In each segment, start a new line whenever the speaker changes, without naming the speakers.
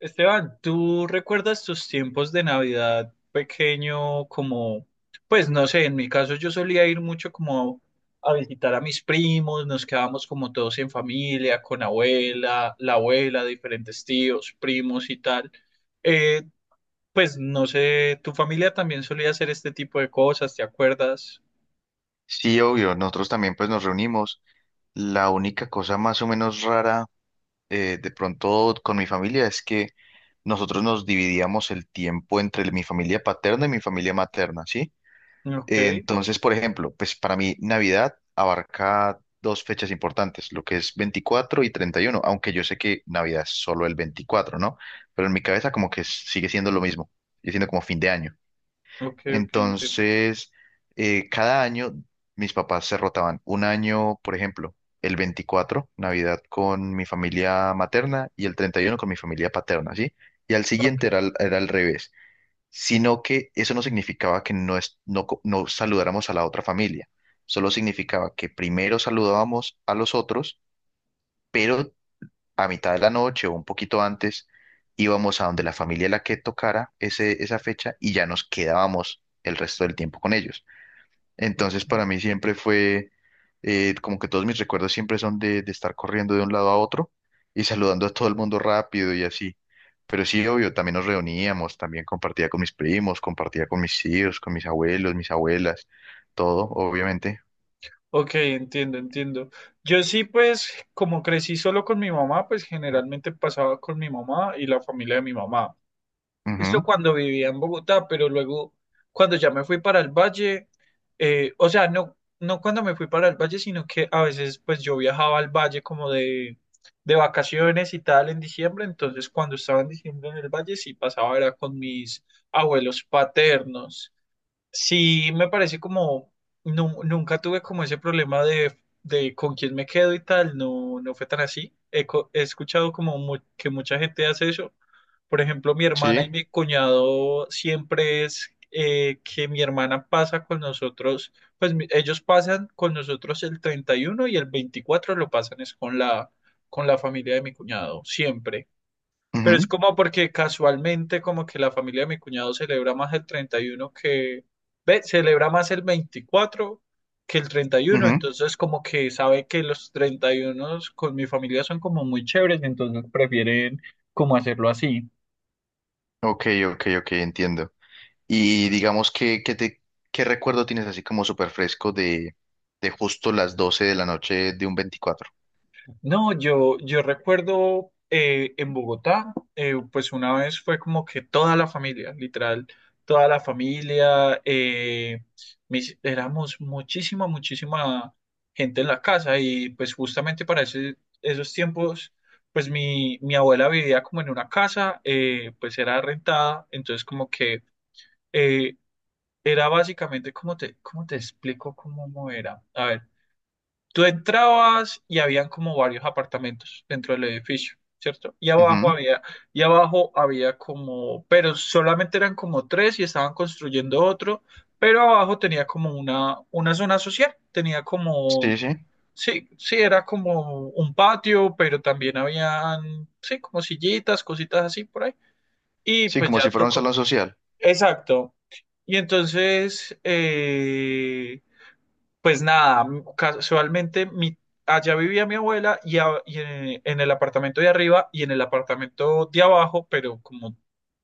Esteban, ¿tú recuerdas tus tiempos de Navidad pequeño como, pues no sé, en mi caso yo solía ir mucho como a visitar a mis primos? Nos quedábamos como todos en familia, con abuela, la abuela, diferentes tíos, primos y tal. Eh, pues no sé, ¿tu familia también solía hacer este tipo de cosas? ¿Te acuerdas?
Sí, obvio, nosotros también pues nos reunimos. La única cosa más o menos rara de pronto con mi familia es que nosotros nos dividíamos el tiempo entre mi familia paterna y mi familia materna, ¿sí?
Ok,
Entonces, por ejemplo, pues para mí Navidad abarca dos fechas importantes, lo que es 24 y 31, aunque yo sé que Navidad es solo el 24, ¿no? Pero en mi cabeza como que sigue siendo lo mismo, sigue siendo como fin de año.
ok, ok, entiendo.
Entonces, cada año mis papás se rotaban. Un año, por ejemplo, el 24, Navidad con mi familia materna y el 31 con mi familia paterna, ¿sí? Y al siguiente
Ok,
era, era al revés, sino que eso no significaba que no, no, no saludáramos a la otra familia, solo significaba que primero saludábamos a los otros, pero a mitad de la noche o un poquito antes, íbamos a donde la familia la que tocara ese, esa fecha y ya nos quedábamos el resto del tiempo con ellos. Entonces
ok.
para mí siempre fue como que todos mis recuerdos siempre son de estar corriendo de un lado a otro y saludando a todo el mundo rápido y así. Pero sí, obvio, también nos reuníamos, también compartía con mis primos, compartía con mis tíos, con mis abuelos, mis abuelas, todo, obviamente.
Ok, entiendo, entiendo. Yo sí, pues, como crecí solo con mi mamá, pues generalmente pasaba con mi mamá y la familia de mi mamá. Esto
Ujú.
cuando vivía en Bogotá, pero luego cuando ya me fui para el valle, o sea, no, no cuando me fui para el valle, sino que a veces pues yo viajaba al valle como de vacaciones y tal en diciembre. Entonces cuando estaba en diciembre en el valle sí pasaba era con mis abuelos paternos. Sí, me parece como, nunca tuve como ese problema de con quién me quedo y tal, no, no fue tan así. He, he escuchado como que mucha gente hace eso. Por ejemplo, mi hermana y
Sí.
mi cuñado siempre es que mi hermana pasa con nosotros, pues ellos pasan con nosotros el 31 y el 24 lo pasan es con la familia de mi cuñado, siempre. Pero es
Ujú,
como porque casualmente como que la familia de mi cuñado celebra más el 31 que, ve, celebra más el 24 que el 31,
ujú.
entonces como que sabe que los 31 con mi familia son como muy chéveres, entonces prefieren como hacerlo así.
Ok, ok, ok, entiendo. Y digamos que te, ¿qué recuerdo tienes así como súper fresco de justo las 12 de la noche de un veinticuatro?
No, yo recuerdo en Bogotá, pues una vez fue como que toda la familia, literal, toda la familia, éramos muchísima, muchísima gente en la casa. Y pues justamente para esos tiempos, pues mi abuela vivía como en una casa, pues era rentada, entonces como que eh, era básicamente, cómo te explico cómo era? A ver. Tú entrabas y habían como varios apartamentos dentro del edificio, ¿cierto?
Ujú.
Y abajo había como, pero solamente eran como tres y estaban construyendo otro, pero abajo tenía como una zona social, tenía como,
Sí, sí.
sí, sí, era como un patio, pero también habían, sí, como sillitas, cositas así por ahí. Y
Sí,
pues
como
ya
si fuera un
tocó,
salón social.
exacto. Y entonces, pues nada, casualmente mi, allá vivía mi abuela y, y en el apartamento de arriba y en el apartamento de abajo, pero como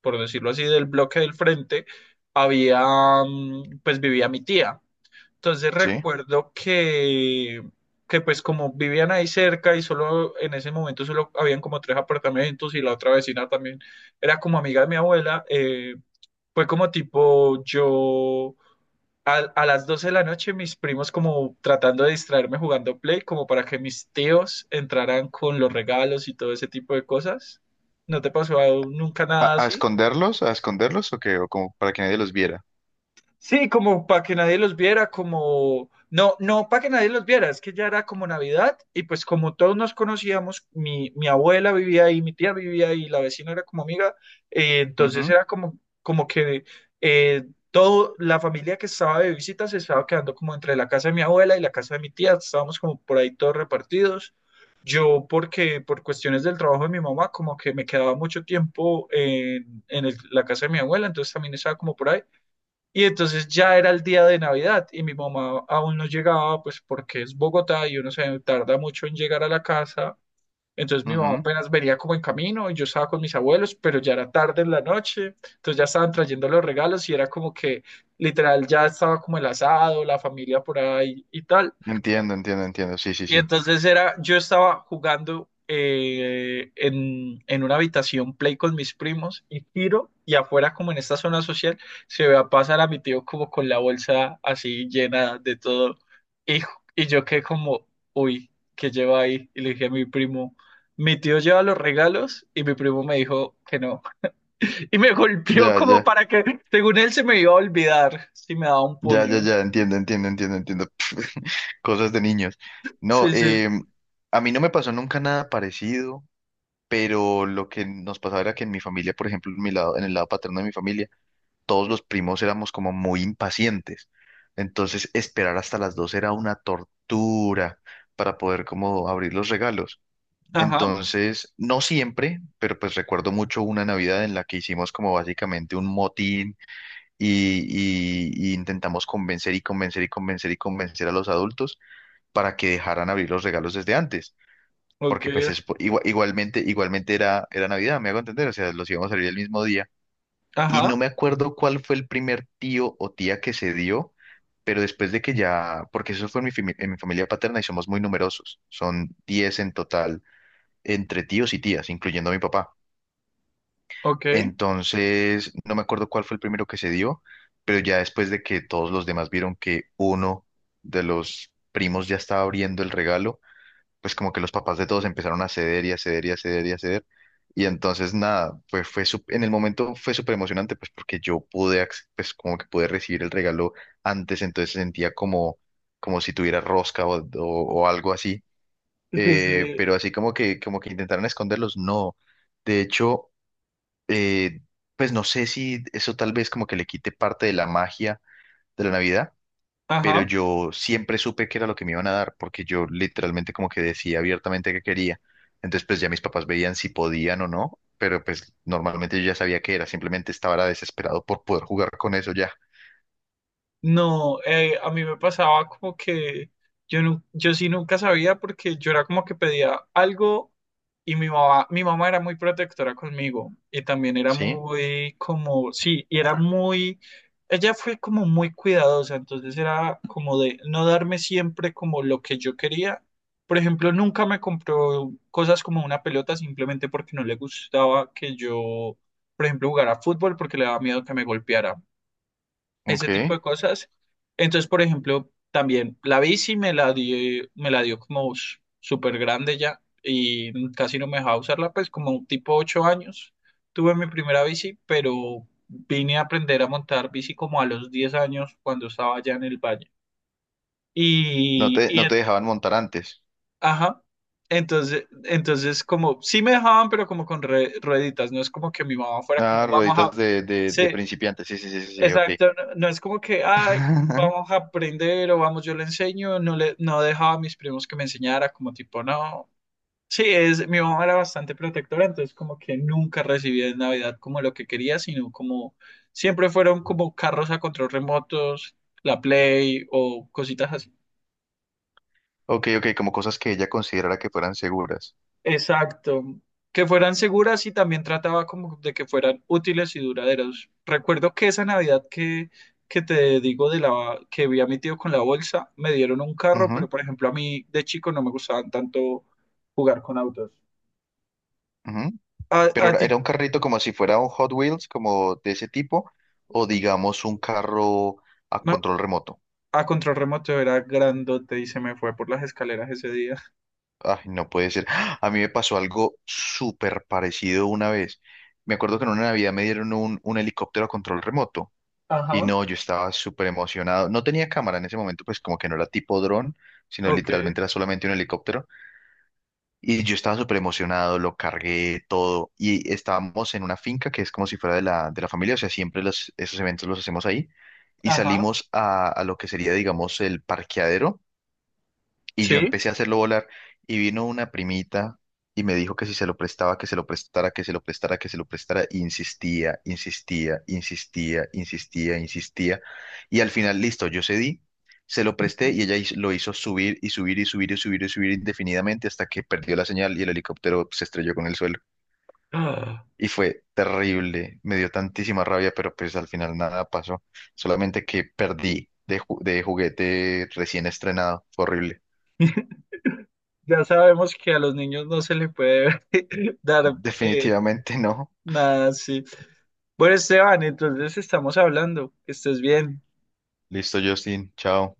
por decirlo así, del bloque del frente, había, pues vivía mi tía. Entonces
Sí.
recuerdo que pues como vivían ahí cerca y solo en ese momento solo habían como tres apartamentos y la otra vecina también era como amiga de mi abuela, fue como tipo yo a las 12 de la noche mis primos como tratando de distraerme jugando Play como para que mis tíos entraran con los regalos y todo ese tipo de cosas. ¿No te pasó nunca nada
A
así?
esconderlos? ¿A esconderlos? ¿O qué? ¿O como para que nadie los viera?
Sí, como para que nadie los viera, como, no, no para que nadie los viera, es que ya era como Navidad y pues como todos nos conocíamos, mi abuela vivía ahí, mi tía vivía ahí, la vecina era como amiga,
Ujú,
entonces era como, como que eh, todo, la familia que estaba de visita se estaba quedando como entre la casa de mi abuela y la casa de mi tía, estábamos como por ahí todos repartidos. Yo porque por cuestiones del trabajo de mi mamá, como que me quedaba mucho tiempo en la casa de mi abuela, entonces también estaba como por ahí. Y entonces ya era el día de Navidad y mi mamá aún no llegaba, pues porque es Bogotá y uno se tarda mucho en llegar a la casa. Entonces mi mamá
ujú.
apenas venía como en camino y yo estaba con mis abuelos, pero ya era tarde en la noche, entonces ya estaban trayendo los regalos y era como que literal ya estaba como el asado, la familia por ahí y tal.
Entiendo, entiendo, entiendo. Sí, sí,
Y
sí.
entonces era, yo estaba jugando en una habitación play con mis primos y tiro y afuera como en esta zona social se ve a pasar a mi tío como con la bolsa así llena de todo y, y yo quedé como, uy, ¿qué lleva ahí? Y le dije a mi primo, mi tío lleva los regalos y mi primo me dijo que no. Y me golpeó
Ya,
como
ya.
para que, según él, se me iba a olvidar si me daba un
Ya, ya,
puño.
ya. Entiendo, entiendo, entiendo, entiendo. Cosas de niños. No,
Sí, sí.
a mí no me pasó nunca nada parecido, pero lo que nos pasaba era que en mi familia, por ejemplo, en mi lado, en el lado paterno de mi familia, todos los primos éramos como muy impacientes. Entonces, esperar hasta las 2 era una tortura para poder como abrir los regalos.
Ajá,
Entonces, no siempre, pero pues recuerdo mucho una Navidad en la que hicimos como básicamente un motín y, y intentamos convencer y convencer y convencer y convencer a los adultos para que dejaran abrir los regalos desde antes.
ok,
Porque pues es, igualmente, igualmente era, era Navidad, me hago entender, o sea, los íbamos a abrir el mismo día y
ajá,
no me acuerdo cuál fue el primer tío o tía que se dio, pero después de que ya, porque eso fue en mi, en mi familia paterna y somos muy numerosos, son 10 en total, entre tíos y tías, incluyendo a mi papá.
ok.
Entonces, no me acuerdo cuál fue el primero que se dio, pero ya después de que todos los demás vieron que uno de los primos ya estaba abriendo el regalo, pues como que los papás de todos empezaron a ceder y a ceder y a ceder y a ceder. Y entonces nada, pues fue en el momento fue súper emocionante, pues porque yo pude, pues como que pude recibir el regalo antes, entonces sentía como, como si tuviera rosca o, o algo así.
Sí,
Pero así como que intentaron esconderlos, no. De hecho, eh, pues no sé si eso tal vez como que le quite parte de la magia de la Navidad, pero
ajá.
yo siempre supe que era lo que me iban a dar, porque yo literalmente como que decía abiertamente que quería. Entonces, pues ya mis papás veían si podían o no, pero pues normalmente yo ya sabía que era, simplemente estaba era desesperado por poder jugar con eso ya.
No, a mí me pasaba como que yo, yo sí nunca sabía porque yo era como que pedía algo y mi mamá era muy protectora conmigo y también era
¿Sí?
muy como, sí, y era muy, ella fue como muy cuidadosa, entonces era como de no darme siempre como lo que yo quería. Por ejemplo, nunca me compró cosas como una pelota simplemente porque no le gustaba que yo, por ejemplo, jugara fútbol porque le daba miedo que me golpeara. Ese tipo
Ok.
de cosas. Entonces, por ejemplo, también la bici me la dio como súper grande ya y casi no me dejaba usarla, pues como tipo 8 años tuve mi primera bici, pero vine a aprender a montar bici como a los 10 años cuando estaba ya en el valle.
No te,
Y
no te
en-
dejaban montar antes.
ajá. Entonces, entonces como sí me dejaban, pero como con rueditas, no es como que mi mamá fuera
Ah,
como, vamos
rueditas
a,
de
sí,
principiantes. Sí, sí, sí, sí, sí, ok.
exacto, no, no es como que, ah, vamos a aprender o vamos, yo le enseño, no le, no dejaba a mis primos que me enseñara, como tipo, no. Sí, es, mi mamá era bastante protectora, entonces como que nunca recibía en Navidad como lo que quería, sino como siempre fueron como carros a control remotos, la Play o cositas así.
Ok, ok, como cosas que ella considerara que fueran seguras.
Exacto. Que fueran seguras y también trataba como de que fueran útiles y duraderas. Recuerdo que esa Navidad que te digo de la que vi a mi tío con la bolsa, me dieron un carro, pero
Ujú,
por ejemplo a mí de chico no me gustaban tanto jugar con autos.
ujú. Pero
A
era
ti,
era un carrito como si fuera un Hot Wheels, como de ese tipo, o digamos un carro a
no,
control remoto.
a control remoto era grandote y se me fue por las escaleras ese día.
Ay, no puede ser. ¡Ah! A mí me pasó algo súper parecido una vez. Me acuerdo que en una Navidad me dieron un helicóptero a control remoto. Y
Ajá.
no, yo estaba súper emocionado. No tenía cámara en ese momento, pues como que no era tipo dron, sino
Ok.
literalmente era solamente un helicóptero. Y yo estaba súper emocionado, lo cargué todo. Y estábamos en una finca que es como si fuera de la familia, o sea, siempre los, esos eventos los hacemos ahí. Y
Ajá.
salimos a lo que sería, digamos, el parqueadero y yo
Sí.
empecé a hacerlo volar y vino una primita y me dijo que si se lo prestaba, que se lo prestara, que se lo prestara, que se lo prestara. Y insistía, insistía, insistía, insistía, insistía. Y al final, listo, yo cedí, se lo presté
Ujú.
y ella lo hizo subir y subir y subir y subir y subir indefinidamente hasta que perdió la señal y el helicóptero se estrelló con el suelo.
Ah,
Y fue terrible, me dio tantísima rabia, pero pues al final nada pasó, solamente que perdí de, de juguete recién estrenado, fue horrible.
ya sabemos que a los niños no se les puede dar
Definitivamente no.
nada, sí. Bueno, Esteban, entonces estamos hablando. Que estés bien.
Listo, Justin. Chao.